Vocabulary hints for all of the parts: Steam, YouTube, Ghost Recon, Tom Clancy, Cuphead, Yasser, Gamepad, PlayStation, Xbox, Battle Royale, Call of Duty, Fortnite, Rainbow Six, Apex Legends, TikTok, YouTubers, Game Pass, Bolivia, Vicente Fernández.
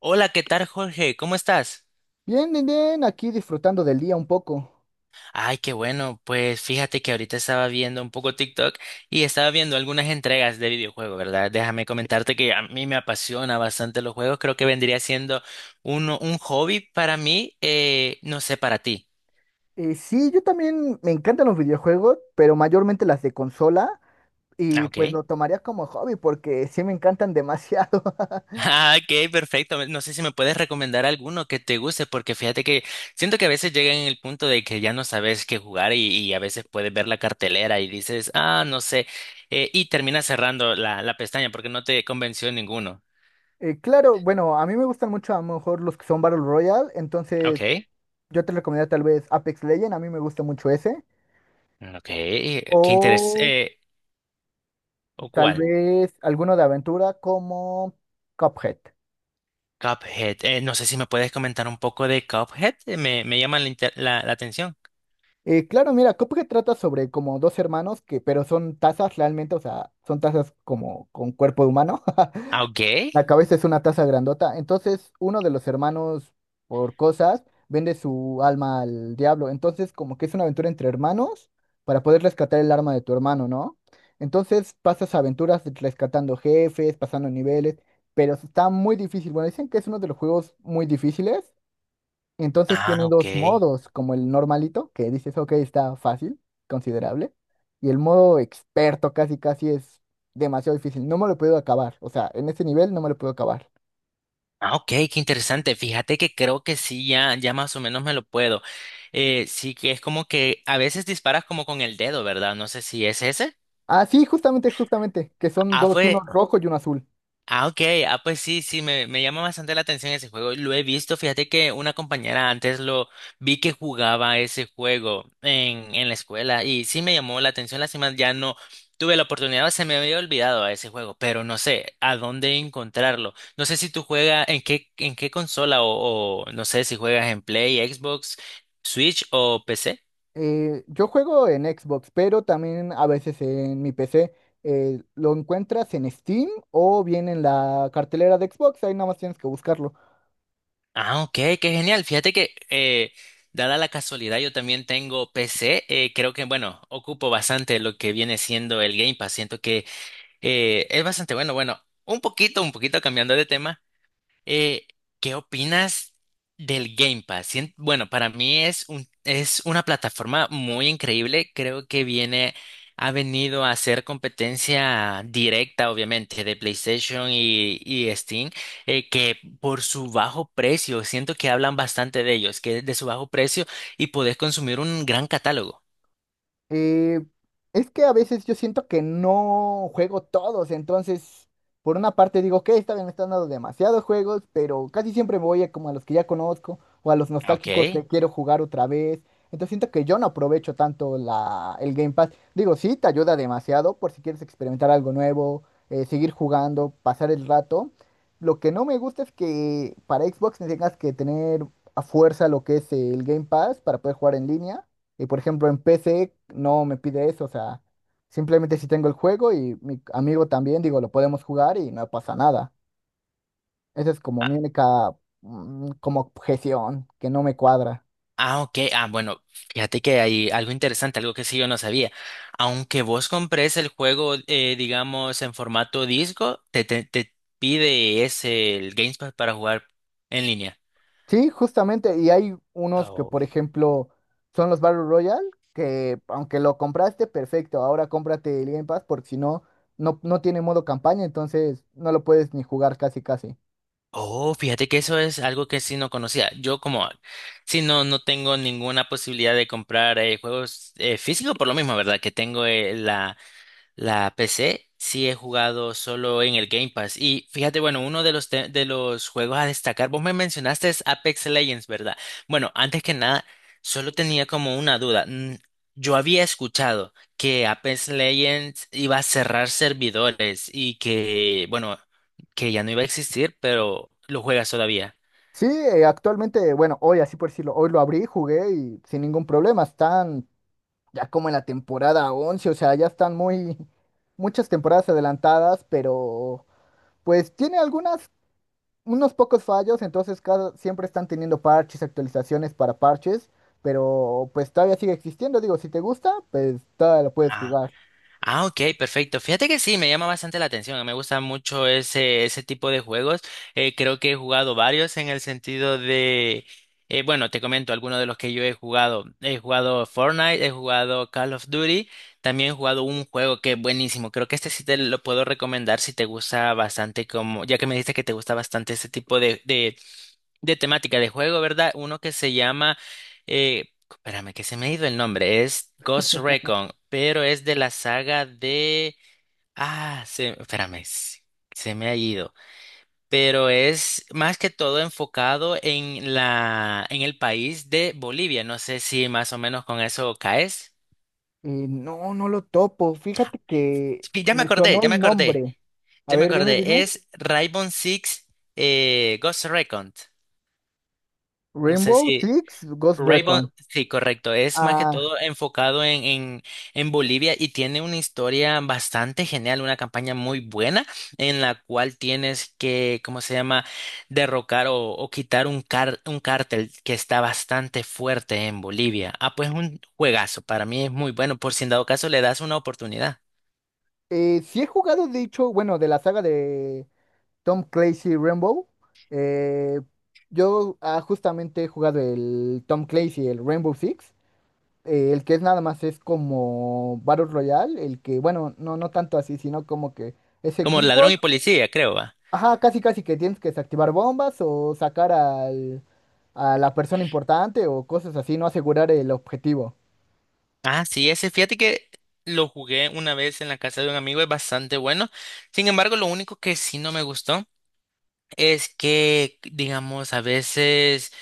Hola, ¿qué tal, Jorge? ¿Cómo estás? Bien, bien, bien, aquí disfrutando del día un poco. Ay, qué bueno. Pues fíjate que ahorita estaba viendo un poco TikTok y estaba viendo algunas entregas de videojuegos, ¿verdad? Déjame comentarte que a mí me apasiona bastante los juegos. Creo que vendría siendo uno, un hobby para mí, no sé, para ti. Sí, yo también me encantan los videojuegos, pero mayormente las de consola, Ah, y ok. pues lo tomaría como hobby porque sí me encantan demasiado. Ah, ok, perfecto. No sé si me puedes recomendar alguno que te guste, porque fíjate que siento que a veces llega en el punto de que ya no sabes qué jugar y a veces puedes ver la cartelera y dices, ah, no sé, y terminas cerrando la pestaña porque no te convenció ninguno. Claro, bueno, a mí me gustan mucho a lo mejor los que son Battle Royale, entonces Ok, yo te recomendaría tal vez Apex Legends, a mí me gusta mucho ese, ok, qué interés. o ¿O tal cuál? vez alguno de aventura como Cuphead. Cuphead. No sé si me puedes comentar un poco de Cuphead. Me llama la atención. Claro, mira, Cuphead trata sobre como dos hermanos que, pero son tazas realmente, o sea, son tazas como con cuerpo humano. Ah, ok. La cabeza es una taza grandota. Entonces, uno de los hermanos, por cosas, vende su alma al diablo. Entonces, como que es una aventura entre hermanos para poder rescatar el alma de tu hermano, ¿no? Entonces, pasas aventuras rescatando jefes, pasando niveles, pero está muy difícil. Bueno, dicen que es uno de los juegos muy difíciles. Entonces Ah, tiene ok. dos modos, como el normalito, que dices, ok, está fácil, considerable, y el modo experto casi casi es demasiado difícil. No me lo puedo acabar, o sea, en ese nivel no me lo puedo acabar. Ah, ok, qué interesante. Fíjate que creo que sí, ya más o menos me lo puedo. Sí que es como que a veces disparas como con el dedo, ¿verdad? No sé si es ese. Ah, sí, justamente, justamente, que son Ah, dos, uno fue, rojo y uno azul. Ah, ok. Ah, pues sí, sí, me llama bastante la atención ese juego. Lo he visto. Fíjate que una compañera antes lo vi que jugaba ese juego en la escuela y sí me llamó la atención. Lástima, ya no tuve la oportunidad, se me había olvidado a ese juego, pero no sé a dónde encontrarlo. No sé si tú juegas en qué consola o no sé si juegas en Play, Xbox, Switch o PC. Yo juego en Xbox, pero también a veces en mi PC. Lo encuentras en Steam o bien en la cartelera de Xbox, ahí nada más tienes que buscarlo. Ah, ok, qué genial. Fíjate que, dada la casualidad, yo también tengo PC. Creo que, bueno, ocupo bastante lo que viene siendo el Game Pass. Siento que es bastante bueno. Bueno, un poquito cambiando de tema. Eh, ¿Qué opinas del Game Pass? Bueno, para mí es es una plataforma muy increíble. Ha venido a hacer competencia directa, obviamente, de PlayStation y Steam, que por su bajo precio, siento que hablan bastante de ellos, que de su bajo precio y podés consumir un gran catálogo. Eh, es que a veces yo siento que no juego todos, entonces por una parte digo que esta vez me están dando demasiados juegos, pero casi siempre me voy a como a los que ya conozco o a los nostálgicos Ok. que quiero jugar otra vez. Entonces siento que yo no aprovecho tanto el Game Pass. Digo, sí, te ayuda demasiado por si quieres experimentar algo nuevo, seguir jugando, pasar el rato. Lo que no me gusta es que para Xbox tengas que tener a fuerza lo que es el Game Pass para poder jugar en línea. Y por ejemplo, en PC no me pide eso, o sea, simplemente si tengo el juego y mi amigo también, digo, lo podemos jugar y no pasa nada. Esa es como mi única, como objeción que no me cuadra. Ah, ok. Ah, bueno, fíjate que hay algo interesante, algo que sí yo no sabía. Aunque vos compres el juego, digamos, en formato disco, te pide ese el Gamepad para jugar en línea. Sí, justamente, y hay unos que, Oh. por ejemplo, son los Battle Royale, que aunque lo compraste, perfecto, ahora cómprate el Game Pass porque si no, no tiene modo campaña, entonces no lo puedes ni jugar casi casi. Oh, fíjate que eso es algo que sí no conocía. No, no tengo ninguna posibilidad de comprar juegos físicos por lo mismo, ¿verdad? Que tengo la PC sí he jugado solo en el Game Pass. Y fíjate, bueno, uno de de los juegos a destacar, vos me mencionaste es Apex Legends, ¿verdad? Bueno, antes que nada, solo tenía como una duda. Yo había escuchado que Apex Legends iba a cerrar servidores y que, bueno, que ya no iba a existir, pero lo juegas todavía. Sí, actualmente, bueno, hoy así por decirlo, hoy lo abrí, jugué y sin ningún problema, están ya como en la temporada 11 o sea, ya están muy, muchas temporadas adelantadas, pero pues tiene algunas, unos pocos fallos, entonces cada, siempre están teniendo parches, actualizaciones para parches, pero pues todavía sigue existiendo, digo, si te gusta, pues todavía lo puedes jugar. Ah, ok, perfecto. Fíjate que sí, me llama bastante la atención. Me gusta mucho ese tipo de juegos. Creo que he jugado varios en el sentido de, bueno, te comento algunos de los que yo he jugado. He jugado Fortnite, he jugado Call of Duty, también he jugado un juego que es buenísimo. Creo que este sí te lo puedo recomendar si te gusta bastante como, ya que me dijiste que te gusta bastante ese tipo de de temática de juego, ¿verdad? Uno que se llama, espérame, que se me ha ido el nombre, es Ghost Recon, pero es de la saga de, espérame, se me ha ido, pero es más que todo enfocado en en el país de Bolivia, no sé si más o menos con eso caes. No, no lo topo, fíjate que Sí, ya me me acordé, sonó el nombre. A ver, dime, dime. es Rainbow Six Ghost Recon, no sé Rainbow si Six Ghost Raybon, Recon. sí, correcto. Es más que Ah, todo enfocado en Bolivia y tiene una historia bastante genial, una campaña muy buena en la cual tienes que, ¿cómo se llama?, derrocar o quitar un cártel que está bastante fuerte en Bolivia. Ah, pues un juegazo, para mí es muy bueno, por si en dado caso le das una oportunidad. Sí he jugado, de hecho, bueno, de la saga de Tom Clancy Rainbow. eh, Justamente he jugado el Tom Clancy, el Rainbow Six. El que es nada más es como Battle Royale. El que, bueno, no, no tanto así, sino como que es Como ladrón equipos. y policía, creo, va. Ajá, casi casi que tienes que desactivar bombas o sacar al, a la persona importante o cosas así, no asegurar el objetivo. Ah, sí, ese, fíjate que lo jugué una vez en la casa de un amigo, es bastante bueno. Sin embargo, lo único que sí no me gustó. Es que, digamos,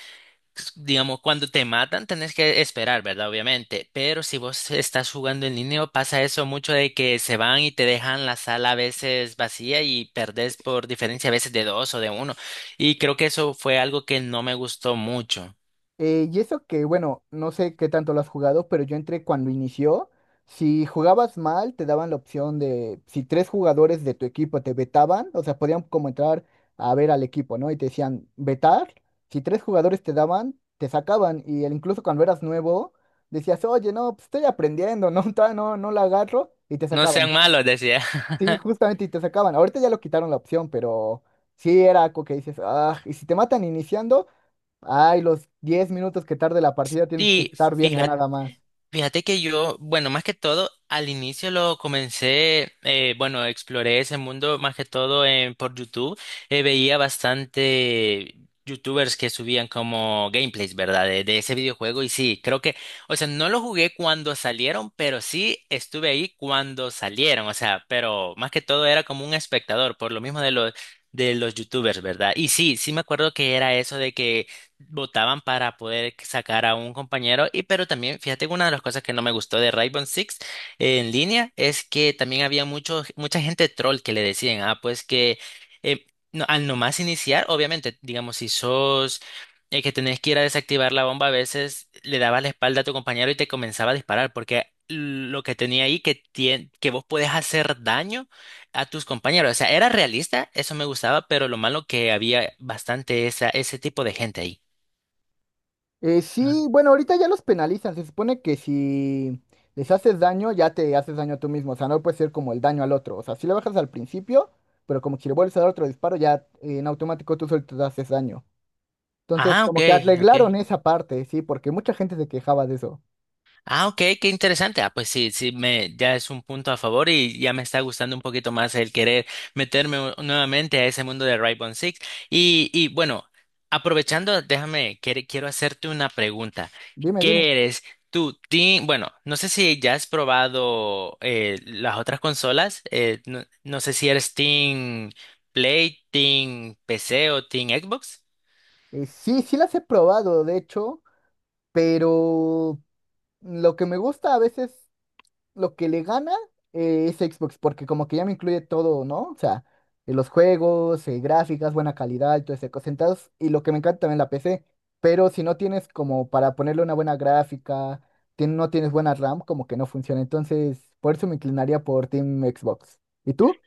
digamos, cuando te matan tenés que esperar, ¿verdad? Obviamente, pero si vos estás jugando en línea pasa eso mucho de que se van y te dejan la sala a veces vacía y perdés por diferencia a veces de dos o de uno. Y creo que eso fue algo que no me gustó mucho. Y eso que, bueno, no sé qué tanto lo has jugado, pero yo entré cuando inició. Si jugabas mal, te daban la opción de, si tres jugadores de tu equipo te vetaban, o sea, podían como entrar a ver al equipo, ¿no? Y te decían, vetar, si tres jugadores te daban, te sacaban. Y el- incluso cuando eras nuevo, decías, oye, no, pues estoy aprendiendo, no, todavía no, no la agarro, y te No sacaban. sean malos, decía. Sí, justamente, y te sacaban. Ahorita ya lo quitaron la opción, pero sí era algo que dices, ah, y si te matan iniciando. Ay, los 10 minutos que tarde la partida tienes que Y estar viendo fíjate nada más. Fíjate que yo, bueno, más que todo, al inicio lo comencé, bueno, exploré ese mundo más que todo por YouTube. Veía bastante YouTubers que subían como gameplays, ¿verdad? De ese videojuego y sí, creo que, o sea, no lo jugué cuando salieron, pero sí estuve ahí cuando salieron, o sea, pero más que todo era como un espectador, por lo mismo de de los YouTubers, ¿verdad? Y sí, sí me acuerdo que era eso de que votaban para poder sacar a un compañero. Y pero también, fíjate que una de las cosas que no me gustó de Rainbow Six en línea es que también había mucha gente troll que le decían, ah, pues que eh, al nomás iniciar, obviamente, digamos, si sos que tenés que ir a desactivar la bomba, a veces le dabas la espalda a tu compañero y te comenzaba a disparar, porque lo que tenía ahí que vos podés hacer daño a tus compañeros. O sea, era realista, eso me gustaba, pero lo malo que había bastante ese tipo de gente ahí. No sé. Sí, bueno, ahorita ya los penalizan. Se supone que si les haces daño, ya te haces daño tú mismo. O sea, no puede ser como el daño al otro. O sea, si le bajas al principio, pero como si le vuelves a dar otro disparo, ya en automático tú solo te haces daño. Entonces, Ah, ok, como que ok. arreglaron esa parte, sí, porque mucha gente se quejaba de eso. Ah, ok, qué interesante. Ah, pues sí, sí, me, ya es un punto a favor y ya me está gustando un poquito más el querer meterme nuevamente a ese mundo de Rainbow Six. Y bueno, aprovechando, quiero hacerte una pregunta. Dime, dime. ¿Qué eres tú, team? Bueno, no sé si ya has probado las otras consolas. No sé si eres Team Play, Team PC o Team Xbox. Sí, sí las he probado, de hecho, pero lo que me gusta a veces lo que le gana es Xbox, porque como que ya me incluye todo, ¿no? O sea, los juegos, gráficas, buena calidad y todo ese cosas. Entonces, y lo que me encanta también la PC, pero si no tienes como para ponerle una buena gráfica, tien- no tienes buena RAM, como que no funciona. Entonces, por eso me inclinaría por Team Xbox. ¿Y tú?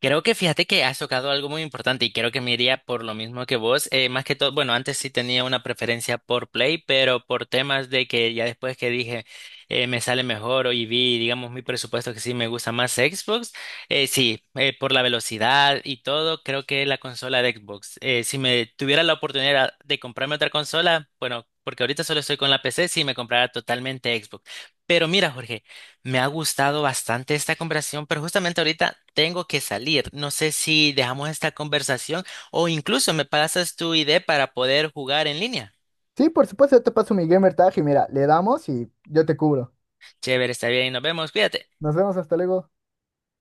Creo que fíjate que has tocado algo muy importante y creo que me iría por lo mismo que vos. Más que todo, bueno, antes sí tenía una preferencia por Play, pero por temas de que ya después que dije me sale mejor o y vi, digamos, mi presupuesto que sí me gusta más Xbox, sí, por la velocidad y todo, creo que la consola de Xbox. Si me tuviera la oportunidad de comprarme otra consola, bueno, porque ahorita solo estoy con la PC, sí me comprara totalmente Xbox. Pero mira, Jorge. Me ha gustado bastante esta conversación, pero justamente ahorita tengo que salir. No sé si dejamos esta conversación o incluso me pasas tu idea para poder jugar en línea. Sí, por supuesto, yo te paso mi gamer tag y mira, le damos y yo te cubro. Chévere, está bien, nos vemos, cuídate. Nos vemos, hasta luego.